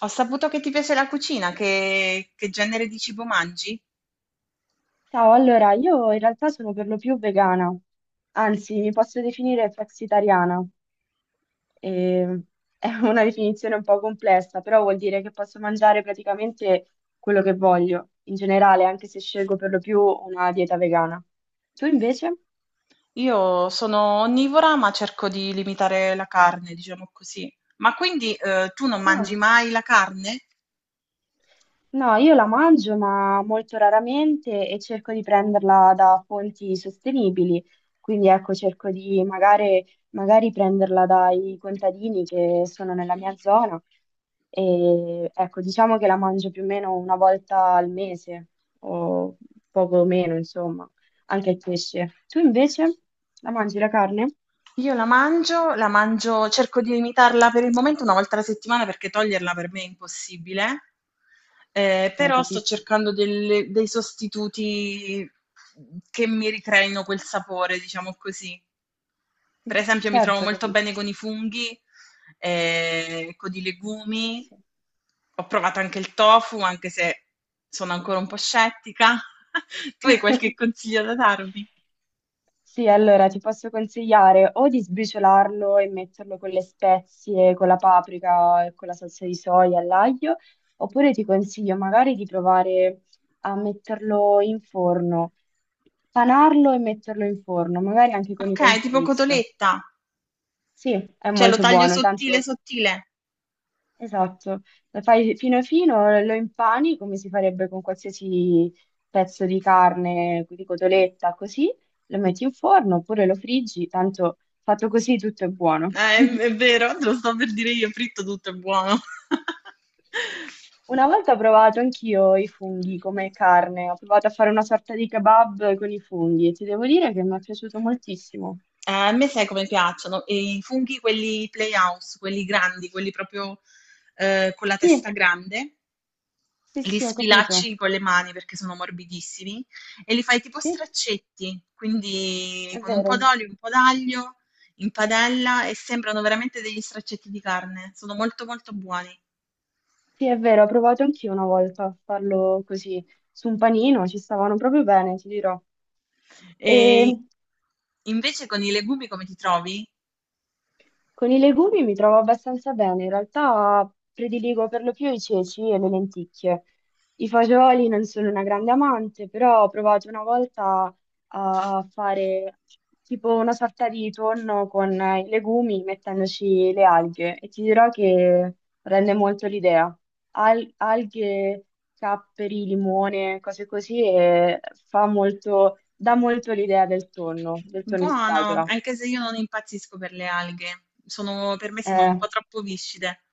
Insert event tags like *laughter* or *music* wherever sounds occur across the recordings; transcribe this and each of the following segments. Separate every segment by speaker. Speaker 1: Ho saputo che ti piace la cucina, che genere di cibo mangi?
Speaker 2: Ciao, allora io in realtà sono per lo più vegana, anzi mi posso definire flexitariana, e- è una definizione un po' complessa, però vuol dire che posso mangiare praticamente quello che voglio, in generale, anche se scelgo per lo più una dieta vegana. Tu invece?
Speaker 1: Io sono onnivora, ma cerco di limitare la carne, diciamo così. Ma quindi tu non mangi mai la carne?
Speaker 2: No, io la mangio, ma molto raramente e cerco di prenderla da fonti sostenibili. Quindi ecco, cerco di magari, magari prenderla dai contadini che sono nella mia zona. E ecco, diciamo che la mangio più o meno una volta al mese o poco meno, insomma, anche il pesce. Tu invece la mangi la carne?
Speaker 1: Io la mangio, cerco di limitarla per il momento una volta alla settimana perché toglierla per me è impossibile.
Speaker 2: No,
Speaker 1: Però sto
Speaker 2: capisco.
Speaker 1: cercando dei sostituti che mi ricreino quel sapore, diciamo così. Per
Speaker 2: *laughs*
Speaker 1: esempio mi trovo
Speaker 2: Certo,
Speaker 1: molto
Speaker 2: capisco.
Speaker 1: bene con i funghi, con i legumi.
Speaker 2: Sì.
Speaker 1: Ho provato anche il tofu, anche se sono ancora un po' scettica. *laughs* Tu hai
Speaker 2: *laughs*
Speaker 1: qualche consiglio da darmi?
Speaker 2: Sì, allora ti posso consigliare o di sbriciolarlo e metterlo con le spezie, con la paprika e con la salsa di soia all'aglio, oppure ti consiglio magari di provare a metterlo in forno, panarlo e metterlo in forno, magari anche con i
Speaker 1: Okay, tipo
Speaker 2: cornflakes.
Speaker 1: cotoletta,
Speaker 2: Sì, è
Speaker 1: cioè lo
Speaker 2: molto
Speaker 1: taglio
Speaker 2: buono,
Speaker 1: sottile,
Speaker 2: tanto.
Speaker 1: sottile.
Speaker 2: Esatto, lo fai fino fino, lo impani come si farebbe con qualsiasi pezzo di carne, di cotoletta, così, lo metti in forno oppure lo friggi, tanto fatto così tutto è buono.
Speaker 1: È vero, te lo stavo per dire io, fritto tutto è buono. *laughs*
Speaker 2: Una volta ho provato anch'io i funghi come carne, ho provato a fare una sorta di kebab con i funghi e ti devo dire che mi è piaciuto moltissimo.
Speaker 1: A me sai come piacciono? E i funghi quelli Playhouse, quelli grandi, quelli proprio, con la testa
Speaker 2: Sì,
Speaker 1: grande.
Speaker 2: sì,
Speaker 1: Li
Speaker 2: sì, ho capito.
Speaker 1: sfilacci con le mani perché sono morbidissimi e li fai tipo
Speaker 2: Sì,
Speaker 1: straccetti, quindi
Speaker 2: è
Speaker 1: con un po'
Speaker 2: vero.
Speaker 1: d'olio, un po' d'aglio in padella e sembrano veramente degli straccetti di carne. Sono molto molto buoni.
Speaker 2: Sì, è vero, ho provato anch'io una volta a farlo così su un panino, ci stavano proprio bene, ti dirò. E
Speaker 1: E invece con i legumi come ti trovi?
Speaker 2: con i legumi mi trovo abbastanza bene, in realtà prediligo per lo più i ceci e le lenticchie. I fagioli non sono una grande amante, però ho provato una volta a fare tipo una sorta di tonno con i legumi mettendoci le alghe e ti dirò che rende molto l'idea. Alghe, capperi, limone, cose così e fa molto, dà molto l'idea del tonno in
Speaker 1: Buono,
Speaker 2: scatola.
Speaker 1: anche se io non impazzisco per le alghe. Per me sono
Speaker 2: Eh.
Speaker 1: un po' troppo viscide.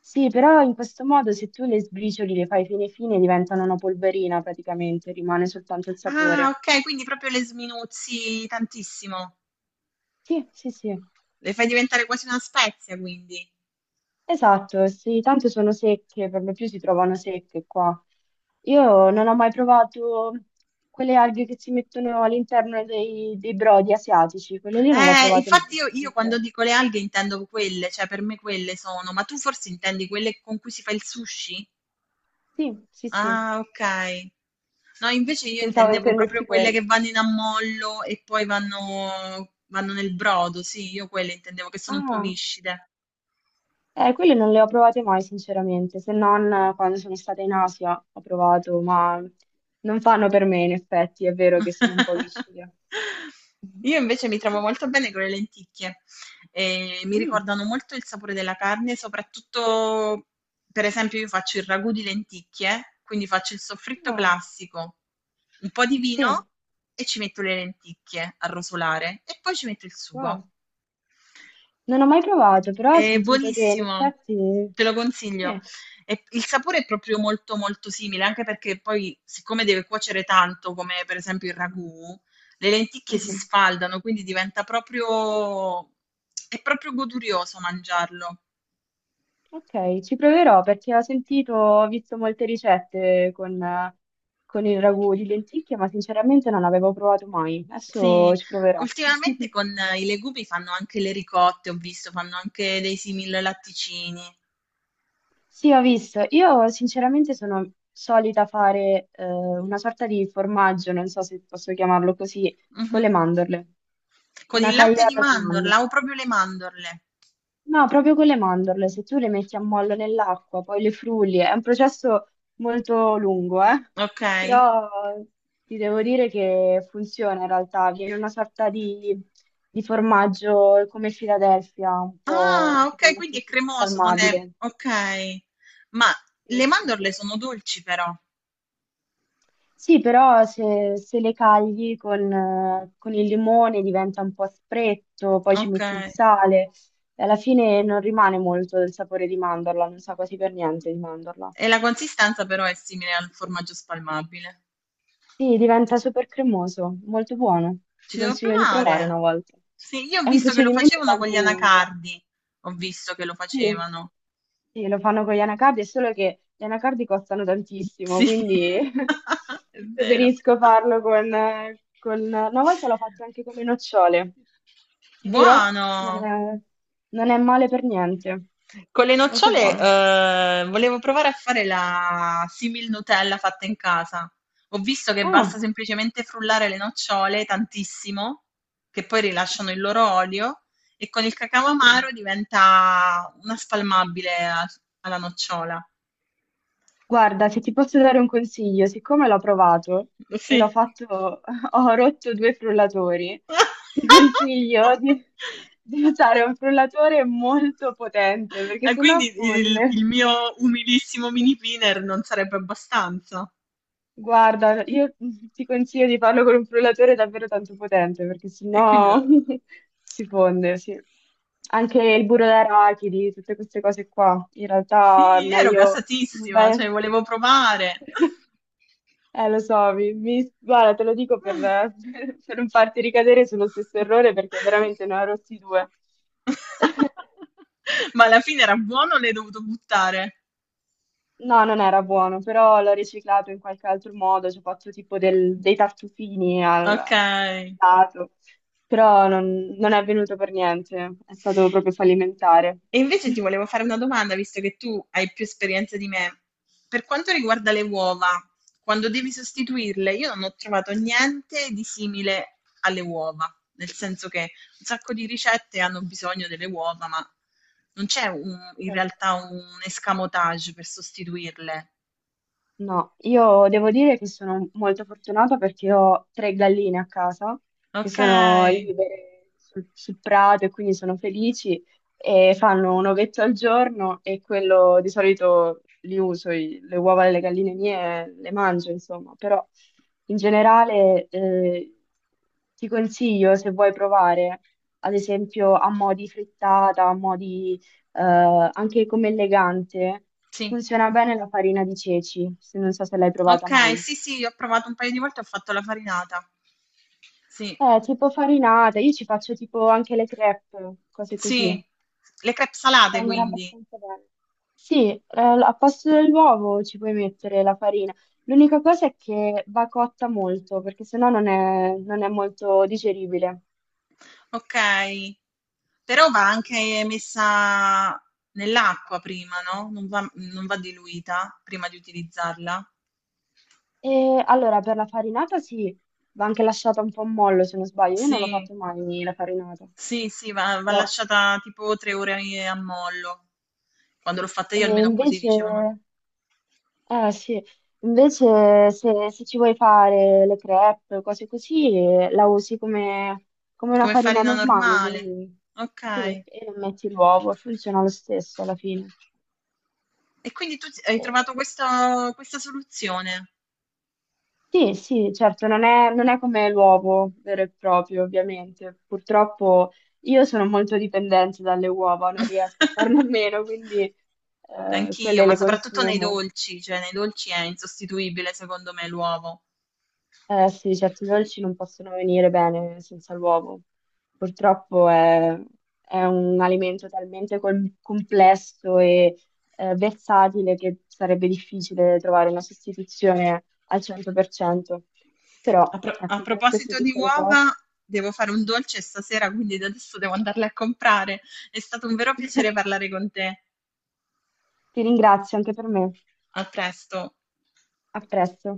Speaker 2: Sì, però in questo modo se tu le sbricioli, le fai fine fine, diventano una polverina praticamente, rimane soltanto il
Speaker 1: Ah,
Speaker 2: sapore.
Speaker 1: ok, quindi proprio le sminuzzi tantissimo.
Speaker 2: Sì, sì, sì,
Speaker 1: Le fai diventare quasi una spezia, quindi.
Speaker 2: esatto, sì, tanto sono secche, per lo più si trovano secche qua. Io non ho mai provato quelle alghe che si mettono all'interno dei brodi asiatici, quelle lì non le ho provate mai,
Speaker 1: Infatti io,
Speaker 2: sono
Speaker 1: io quando
Speaker 2: sincera.
Speaker 1: dico le alghe intendo quelle, cioè per me quelle sono, ma tu forse intendi quelle con cui si fa il sushi?
Speaker 2: Sì, sì, sì,
Speaker 1: Ah, ok. No, invece io
Speaker 2: pensavo
Speaker 1: intendevo proprio
Speaker 2: intendessi
Speaker 1: quelle che
Speaker 2: quelle.
Speaker 1: vanno in ammollo e poi vanno nel brodo, sì, io quelle intendevo che sono un po'
Speaker 2: Ah.
Speaker 1: viscide.
Speaker 2: Quelle non le ho provate mai, sinceramente, se non quando sono stata in Asia ho provato, ma non fanno per me, in effetti, è vero che sono un po' vicina.
Speaker 1: *laughs* Io invece mi trovo molto bene con le lenticchie, e mi
Speaker 2: Mm,
Speaker 1: ricordano molto il sapore della carne, soprattutto per esempio io faccio il ragù di lenticchie, quindi faccio il soffritto
Speaker 2: ah,
Speaker 1: classico, un po' di
Speaker 2: sì,
Speaker 1: vino e ci metto le lenticchie a rosolare e poi ci metto il sugo.
Speaker 2: wow. Non ho mai provato, però ho
Speaker 1: È
Speaker 2: sentito che in
Speaker 1: buonissimo,
Speaker 2: effetti...
Speaker 1: te lo consiglio.
Speaker 2: Sì.
Speaker 1: E il sapore è proprio molto molto simile, anche perché poi, siccome deve cuocere tanto, come per esempio il ragù, le lenticchie si
Speaker 2: Mhm.
Speaker 1: sfaldano, quindi diventa proprio... è proprio godurioso mangiarlo.
Speaker 2: Ok, ci proverò perché ho sentito, ho visto molte ricette con il ragù di lenticchie, ma sinceramente non avevo provato mai.
Speaker 1: Sì,
Speaker 2: Adesso ci proverò.
Speaker 1: ultimamente con i legumi fanno anche le ricotte, ho visto, fanno anche dei simili latticini.
Speaker 2: Sì, ho visto. Io sinceramente sono solita fare una sorta di formaggio, non so se posso chiamarlo così, con
Speaker 1: Mhm.
Speaker 2: le mandorle.
Speaker 1: Con
Speaker 2: Una
Speaker 1: il latte di
Speaker 2: cagliata di
Speaker 1: mandorla
Speaker 2: mandorle.
Speaker 1: o proprio le mandorle.
Speaker 2: No, proprio con le mandorle, se tu le metti a mollo nell'acqua, poi le frulli, è un processo molto lungo, eh?
Speaker 1: Ok?
Speaker 2: Però ti devo dire che funziona in realtà, viene una sorta di formaggio come Philadelphia, un
Speaker 1: Ah,
Speaker 2: po' tipo
Speaker 1: okay,
Speaker 2: il
Speaker 1: quindi è cremoso, non è
Speaker 2: salmabile.
Speaker 1: okay. Ma
Speaker 2: Sì,
Speaker 1: le
Speaker 2: sì,
Speaker 1: mandorle
Speaker 2: sì.
Speaker 1: sono dolci però.
Speaker 2: Sì, però se, se le cagli con il limone diventa un po' aspretto, poi ci metti il
Speaker 1: Okay.
Speaker 2: sale e alla fine non rimane molto del sapore di mandorla, non sa quasi per niente di mandorla.
Speaker 1: E la consistenza però è simile al formaggio spalmabile.
Speaker 2: Sì, diventa super cremoso, molto buono. Ti
Speaker 1: Ci devo
Speaker 2: consiglio di provare una
Speaker 1: provare.
Speaker 2: volta.
Speaker 1: Sì, io ho
Speaker 2: È un
Speaker 1: visto che lo
Speaker 2: procedimento
Speaker 1: facevano con
Speaker 2: tanto
Speaker 1: gli
Speaker 2: lungo.
Speaker 1: anacardi. Ho visto che lo
Speaker 2: Sì.
Speaker 1: facevano.
Speaker 2: Sì, lo fanno con gli anacardi, è solo che gli anacardi costano tantissimo,
Speaker 1: Sì,
Speaker 2: quindi *laughs*
Speaker 1: *laughs* è vero.
Speaker 2: preferisco farlo con... Una volta l'ho fatto anche con le nocciole, ti dirò, non
Speaker 1: Buono!
Speaker 2: è, non è male per niente,
Speaker 1: Con le
Speaker 2: molto
Speaker 1: nocciole,
Speaker 2: buono.
Speaker 1: volevo provare a fare la simil Nutella fatta in casa. Ho visto che basta
Speaker 2: Ah,
Speaker 1: semplicemente frullare le nocciole tantissimo, che poi rilasciano il loro olio, e con il cacao amaro diventa una spalmabile alla nocciola.
Speaker 2: guarda, se ti posso dare un consiglio, siccome l'ho provato e
Speaker 1: Sì.
Speaker 2: l'ho fatto, *laughs* ho rotto due frullatori, ti consiglio di
Speaker 1: *laughs*
Speaker 2: usare un frullatore molto potente perché
Speaker 1: E
Speaker 2: sennò
Speaker 1: quindi il,
Speaker 2: fonde.
Speaker 1: il mio umilissimo mini pinner non sarebbe abbastanza.
Speaker 2: Guarda, io ti consiglio di farlo con un frullatore davvero tanto potente perché
Speaker 1: E quindi
Speaker 2: sennò *laughs* si fonde, sì. Anche il burro d'arachidi, tutte queste cose qua, in realtà è
Speaker 1: sì, ero
Speaker 2: meglio...
Speaker 1: gasatissima, cioè
Speaker 2: Beh.
Speaker 1: volevo provare.
Speaker 2: Lo so, guarda, te lo dico per, *laughs*
Speaker 1: *laughs*
Speaker 2: per non farti ricadere sullo stesso errore perché veramente ne ho rotti due.
Speaker 1: *laughs* Ma alla fine era buono o l'hai dovuto buttare?
Speaker 2: No, non era buono, però l'ho riciclato in qualche altro modo, ci ho fatto tipo dei tartufini al
Speaker 1: Ok.
Speaker 2: al lato, però non è venuto per niente, è stato proprio fallimentare.
Speaker 1: E
Speaker 2: *laughs*
Speaker 1: invece ti volevo fare una domanda, visto che tu hai più esperienza di me. Per quanto riguarda le uova, quando devi sostituirle, io non ho trovato niente di simile alle uova, nel senso che un sacco di ricette hanno bisogno delle uova, ma non c'è in
Speaker 2: Certo.
Speaker 1: realtà un escamotage per sostituirle.
Speaker 2: No, io devo dire che sono molto fortunata perché ho tre galline a casa che
Speaker 1: Ok,
Speaker 2: sono libere sul, sul prato e quindi sono felici e fanno un ovetto al giorno e quello di solito li uso, le uova delle galline mie le mangio, insomma, però in generale ti consiglio se vuoi provare, ad esempio a mo' di frittata, a mo' di eh, anche come elegante.
Speaker 1: sì,
Speaker 2: Funziona bene la farina di ceci, se non so se l'hai provata
Speaker 1: ok,
Speaker 2: mai.
Speaker 1: sì, sì, ho provato un paio di volte, ho fatto la farinata. Sì,
Speaker 2: Tipo farinata, io ci faccio tipo anche le crepe, cose
Speaker 1: sì,
Speaker 2: così.
Speaker 1: le crepe salate
Speaker 2: Vengono
Speaker 1: quindi.
Speaker 2: abbastanza bene. Sì, al posto dell'uovo ci puoi mettere la farina. L'unica cosa è che va cotta molto, perché sennò non è molto digeribile.
Speaker 1: Okay. Però va anche messa nell'acqua prima, no, non va diluita prima di utilizzarla?
Speaker 2: E allora, per la farinata sì, va anche lasciata un po' a mollo, se non sbaglio. Io non l'ho
Speaker 1: Sì,
Speaker 2: fatto mai la farinata.
Speaker 1: sì, sì, va
Speaker 2: Però,
Speaker 1: lasciata tipo 3 ore i a mollo. Quando l'ho fatta
Speaker 2: e
Speaker 1: io almeno così
Speaker 2: invece...
Speaker 1: dicevano.
Speaker 2: Eh sì, invece se, se ci vuoi fare le crepe, cose così, la usi come, come una
Speaker 1: Come
Speaker 2: farina
Speaker 1: farina
Speaker 2: normale,
Speaker 1: normale.
Speaker 2: quindi sì,
Speaker 1: Okay.
Speaker 2: e non metti l'uovo, funziona lo stesso alla fine.
Speaker 1: E quindi tu s hai trovato
Speaker 2: Eh,
Speaker 1: questa soluzione.
Speaker 2: sì, sì, certo, non è come l'uovo vero e proprio, ovviamente. Purtroppo io sono molto dipendente dalle uova, non riesco a farne a meno,
Speaker 1: *laughs*
Speaker 2: quindi
Speaker 1: Anch'io,
Speaker 2: quelle
Speaker 1: ma
Speaker 2: le
Speaker 1: soprattutto nei
Speaker 2: consumo.
Speaker 1: dolci, cioè nei dolci è insostituibile secondo me l'uovo.
Speaker 2: Eh sì, certi dolci non possono venire bene senza l'uovo. Purtroppo è un alimento talmente complesso e versatile che sarebbe difficile trovare una sostituzione al 100%. Però,
Speaker 1: A
Speaker 2: ecco, per queste
Speaker 1: proposito di
Speaker 2: piccole cose
Speaker 1: uova, devo fare un dolce stasera, quindi da adesso devo andarle a comprare. È stato un vero piacere
Speaker 2: *laughs*
Speaker 1: parlare con te.
Speaker 2: ti ringrazio anche per me.
Speaker 1: A presto.
Speaker 2: A presto.